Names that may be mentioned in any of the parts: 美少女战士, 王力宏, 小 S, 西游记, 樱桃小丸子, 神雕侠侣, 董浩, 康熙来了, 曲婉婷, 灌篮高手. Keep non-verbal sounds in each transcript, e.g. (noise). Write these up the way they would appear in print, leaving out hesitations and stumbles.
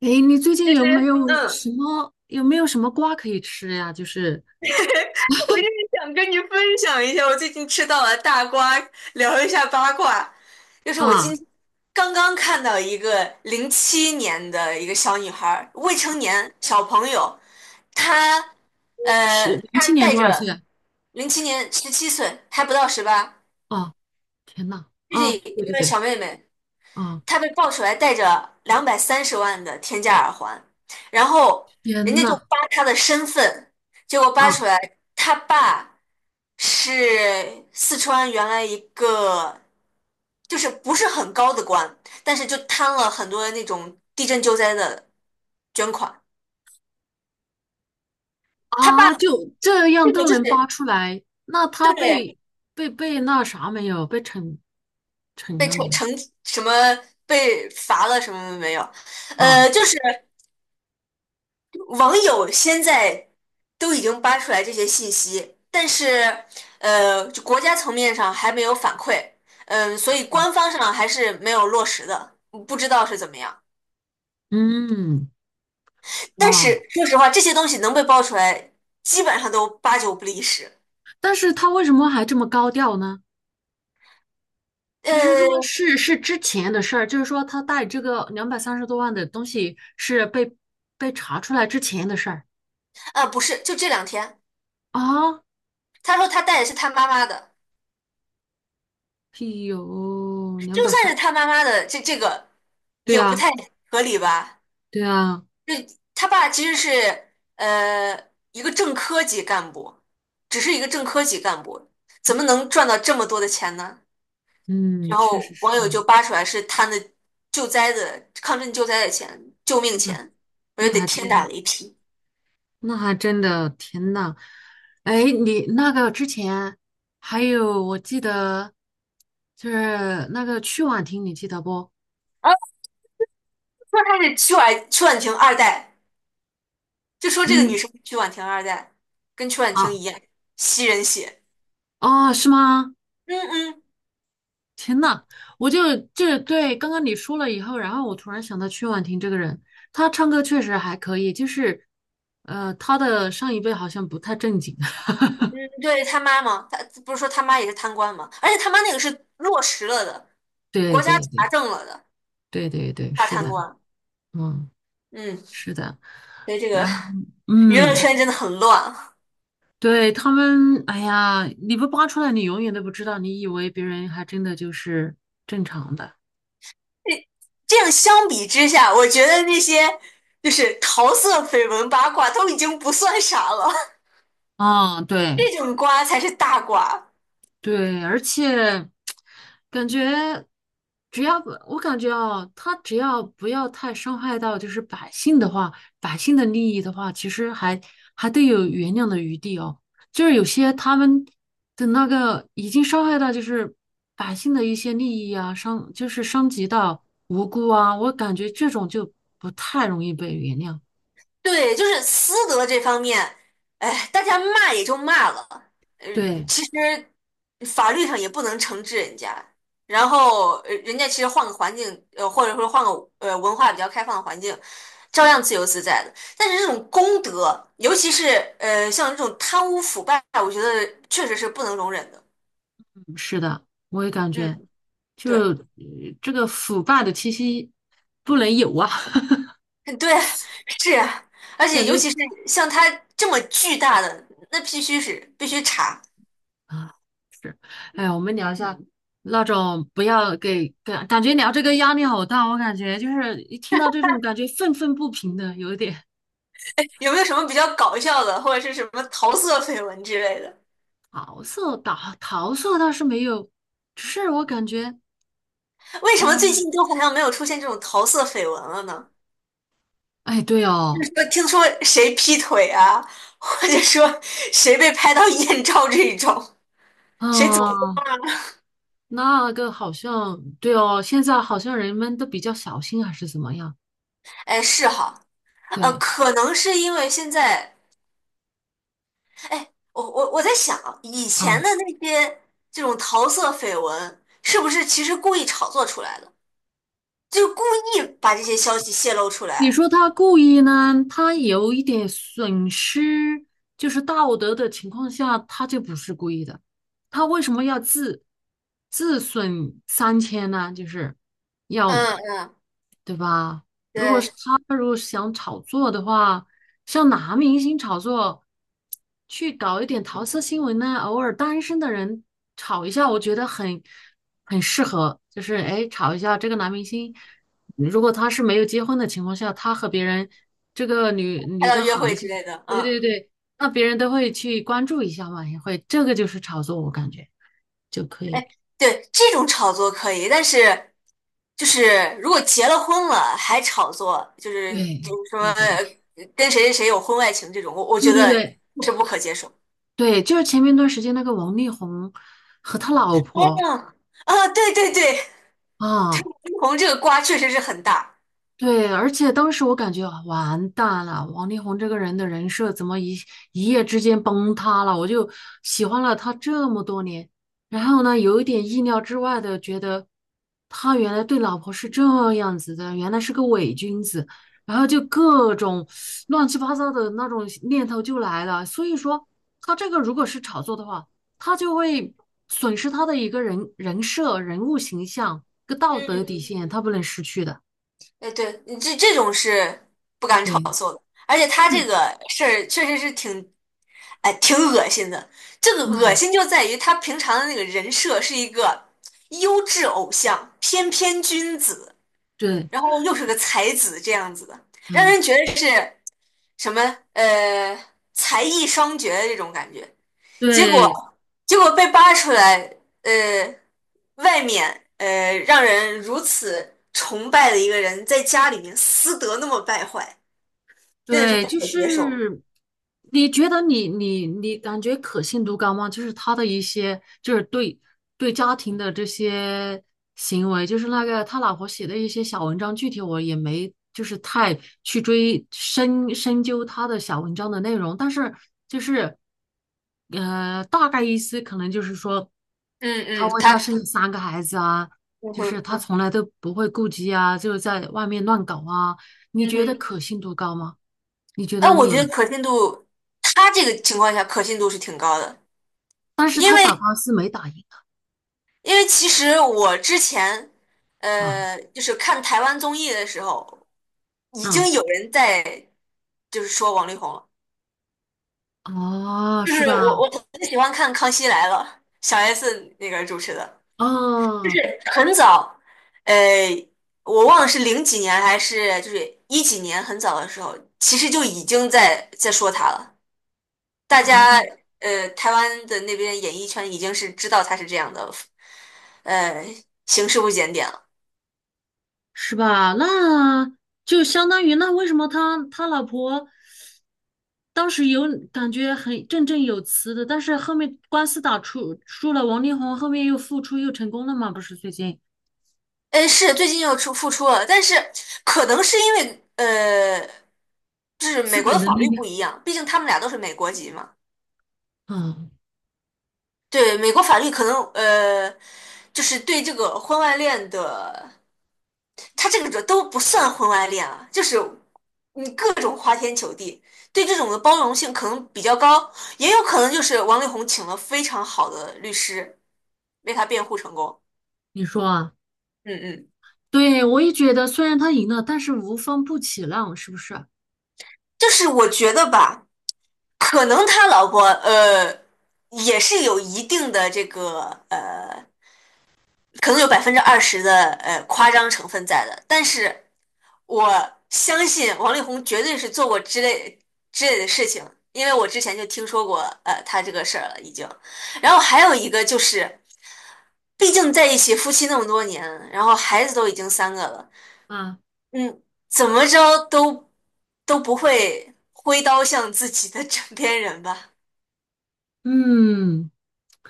诶，你最其近有没实，有什么有没有什么瓜可以吃呀？就是 (laughs) 我就是想跟你分享一下，我最近吃到了大瓜，聊一下八卦。就是我啊，刚刚看到一个零七年的一个小女孩儿未成年小朋友，她是呃，零七她年带多少岁着啊？零七年17岁，还不到18，哦，天呐，就是啊，一对对个对，小妹妹，啊，他被爆出来戴着230万的天价耳环，然后人天家就呐，扒他的身份，结果扒啊出来他爸是四川原来一个就是不是很高的官，但是就贪了很多那种地震救灾的捐款。他爸啊，就这这样个都就是能扒出来，那他对被那啥没有？被惩被了没惩有？惩什么被罚了什么没有，啊，就是。网友现在都已经扒出来这些信息，但是就国家层面上还没有反馈，嗯，所以官方上还是没有落实的，不知道是怎么样。嗯，但哇，是说实话，这些东西能被爆出来，基本上都八九不离十。但是他为什么还这么高调呢？还是说呃是之前的事儿？就是说他带这个230多万的东西是被查出来之前的事儿啊，不是，就这2天，啊？他说他带的是他妈妈的，哎呦，两就百算三，是他妈妈的，这个对也不啊，太合理吧？对啊，就他爸其实是一个正科级干部，只是一个正科级干部，怎么能赚到这么多的钱呢？嗯，然确实后网友是，就扒出来是贪的救灾的抗震救灾的钱，救命嗯，钱，我觉那得得还天真打的，雷劈。那还真的，天呐，哎，你那个之前还有我记得就是那个曲婉婷，你记得不？啊，说他是曲婉婷二代，就说这个女嗯，生是曲婉婷二代，跟曲婉婷啊，一样吸人血。哦，是吗？嗯嗯，天呐，我就对刚刚你说了以后，然后我突然想到曲婉婷这个人，她唱歌确实还可以，就是她的上一辈好像不太正经。(laughs) 嗯对他妈嘛，他不是说他妈也是贪官嘛，而且他妈那个是落实了的，对国家对查对证了的。对对对，大是贪的，官，嗯，嗯，是的。所以这个然后娱乐嗯，圈真的很乱啊。对他们，哎呀，你不扒出来，你永远都不知道，你以为别人还真的就是正常的。这这样相比之下，我觉得那些就是桃色绯闻八卦都已经不算啥了，嗯，对，这种瓜才是大瓜。对，而且感觉只要不，我感觉哦，他只要不要太伤害到就是百姓的话，百姓的利益的话，其实还得有原谅的余地哦。就是有些他们的那个已经伤害到就是百姓的一些利益啊，伤就是伤及到无辜啊，我感觉这种就不太容易被原谅。对，就是私德这方面，哎，大家骂也就骂了，呃，对，其实法律上也不能惩治人家。然后，人家其实换个环境，或者说换个文化比较开放的环境，照样自由自在的。但是这种公德，尤其是像这种贪污腐败，我觉得确实是不能容忍的。是的，我也感觉，嗯，就对，这个腐败的气息不能有啊。嗯对，是啊，而且感尤觉其是像他这么巨大的，那必须是必须查。啊，是，哎呀，我们聊一下那种不要给感觉聊这个压力好大，我感觉就是一听到这种感觉愤愤不平的，有一点有没有什么比较搞笑的，或者是什么桃色绯闻之类的？桃色倒是没有，只是我感觉，为什么最哎近都好像没有出现这种桃色绯闻了呢？哎，对就哦，是说，听说谁劈腿啊，或者说谁被拍到艳照这一种，谁怎么？啊，那个好像对哦，现在好像人们都比较小心还是怎么样？哎，是哈，对可能是因为现在，哎，我在想，以前啊，的那些这种桃色绯闻，是不是其实故意炒作出来的？就故意把这些消息泄露出你来？说他故意呢，他有一点损失，就是道德的情况下，他就不是故意的。他为什么要自损三千呢？就是要，嗯嗯，对吧？如果是对，他如果想炒作的话，像男明星炒作，去搞一点桃色新闻呢，偶尔单身的人炒一下，我觉得很适合，就是哎，炒一下这个男明星。如果他是没有结婚的情况下，他和别人这个女拍女到的约好一会之些，类的，对嗯。对对，那别人都会去关注一下嘛，也会，这个就是炒作，我感觉就可以。对，这种炒作可以，但是就是如果结了婚了还炒作，就是比对如说对对对跟谁谁谁有婚外情这种，我对觉对得对，是不可接受。对，就是前面一段时间那个王力宏和他老嗯，婆啊，对对对对，啊，离红这个瓜确实是很大。对，而且当时我感觉啊完蛋了，王力宏这个人的人设怎么一夜之间崩塌了？我就喜欢了他这么多年，然后呢，有一点意料之外的觉得他原来对老婆是这样子的，原来是个伪君子，然后就各种乱七八糟的那种念头就来了。所以说，他这个如果是炒作的话，他就会损失他的一个人设、人物形象、一个道德底嗯，线，他不能失去的。哎，对，你这种是不敢炒对。作的，而且他这是，个事儿确实是挺，哎，挺恶心的。这个恶嗯，心就在于他平常的那个人设是一个优质偶像、翩翩君子。对，然后又是个才子这样子的，让嗯，人觉得是什么呃才艺双绝的这种感觉。结果对，结果被扒出来，呃，外面让人如此崇拜的一个人，在家里面私德那么败坏，真的是对，不就可接受。是你觉得你感觉可信度高吗？就是他的一些，就是对家庭的这些行为，就是那个他老婆写的一些小文章，具体我也没就是太去追深究他的小文章的内容，但是就是大概意思可能就是说。嗯他嗯，为他他生了3个孩子啊，嗯就是哼他从来都不会顾及啊，就是在外面乱搞啊，你嗯觉得哼，可信度高吗？你觉哎，得我觉得你，可信度，他这个情况下可信度是挺高的，但是因他打为官司没打赢因为其实我之前，啊，就是看台湾综艺的时候，已嗯，经有人在就是说王力宏了。哦，就是是我吧？我很喜欢看《康熙来了》，小 S 那个主持的，(laughs) 哦，很早，呃，我忘了是零几年还是就是一几年，很早的时候，其实就已经在说他了。大啊，家台湾的那边演艺圈已经是知道他是这样的，呃，行事不检点了。是吧？那就相当于那为什么他老婆当时有感觉很振振有词的，但是后面官司打出输了，王力宏后面又复出又成功了嘛？不是最近哎，是最近又出复出了，但是可能是因为就是美资国的本的法力律量，不一样，毕竟他们俩都是美国籍嘛。啊。对，美国法律可能就是对这个婚外恋的，他这个这都不算婚外恋啊，就是你各种花天酒地，对这种的包容性可能比较高，也有可能就是王力宏请了非常好的律师为他辩护成功。你说啊，嗯嗯，对，我也觉得，虽然他赢了，但是无风不起浪，是不是就是我觉得吧。可能他老婆也是有一定的这个呃，可能有20%的夸张成分在的，但是我相信王力宏绝对是做过之类的事情，因为我之前就听说过他这个事儿了已经。然后还有一个就是，毕竟在一起夫妻那么多年，然后孩子都已经三个了，啊？嗯，怎么着都不会挥刀向自己的 (laughs) 枕边人吧。嗯，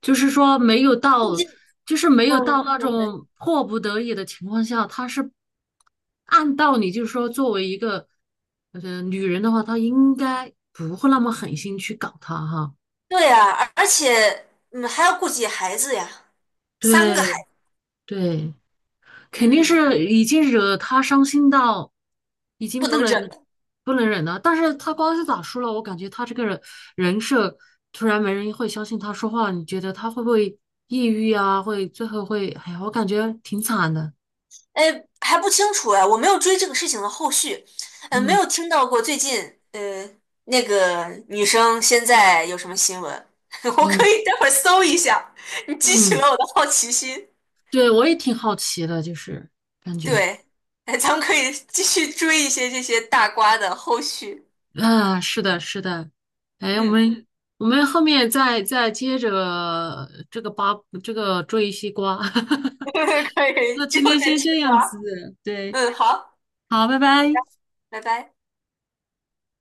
就是说没有到，毕就是没有嗯，到那对种迫不得已的情况下，他是按道理就是说，作为一个女人的话，她应该不会那么狠心去搞他哈。对啊，而且还要顾及孩子呀，三个孩对子，对，肯定嗯，是已经惹他伤心到已经不不能忍能了。不能忍了。但是他官司打输了，我感觉他这个人设突然没人会相信他说话，你觉得他会不会抑郁啊？会最后会，哎呀，我感觉挺惨的。哎，还不清楚哎，我没有追这个事情的后续，没嗯有听到过最近那个女生现在有什么新闻，(laughs) 我可嗯以待会儿搜一下，你激起嗯，了我的好奇心。对，我也挺好奇的，就是感觉对，哎，咱们可以继续追一些这些大瓜的后续，啊，是的，是的。哎，我嗯，们我们后面再接着这个追西瓜。(laughs) (laughs) 可以，那之今后天再先吃这样瓜，子，对，嗯，好，好，拜拜。拜拜。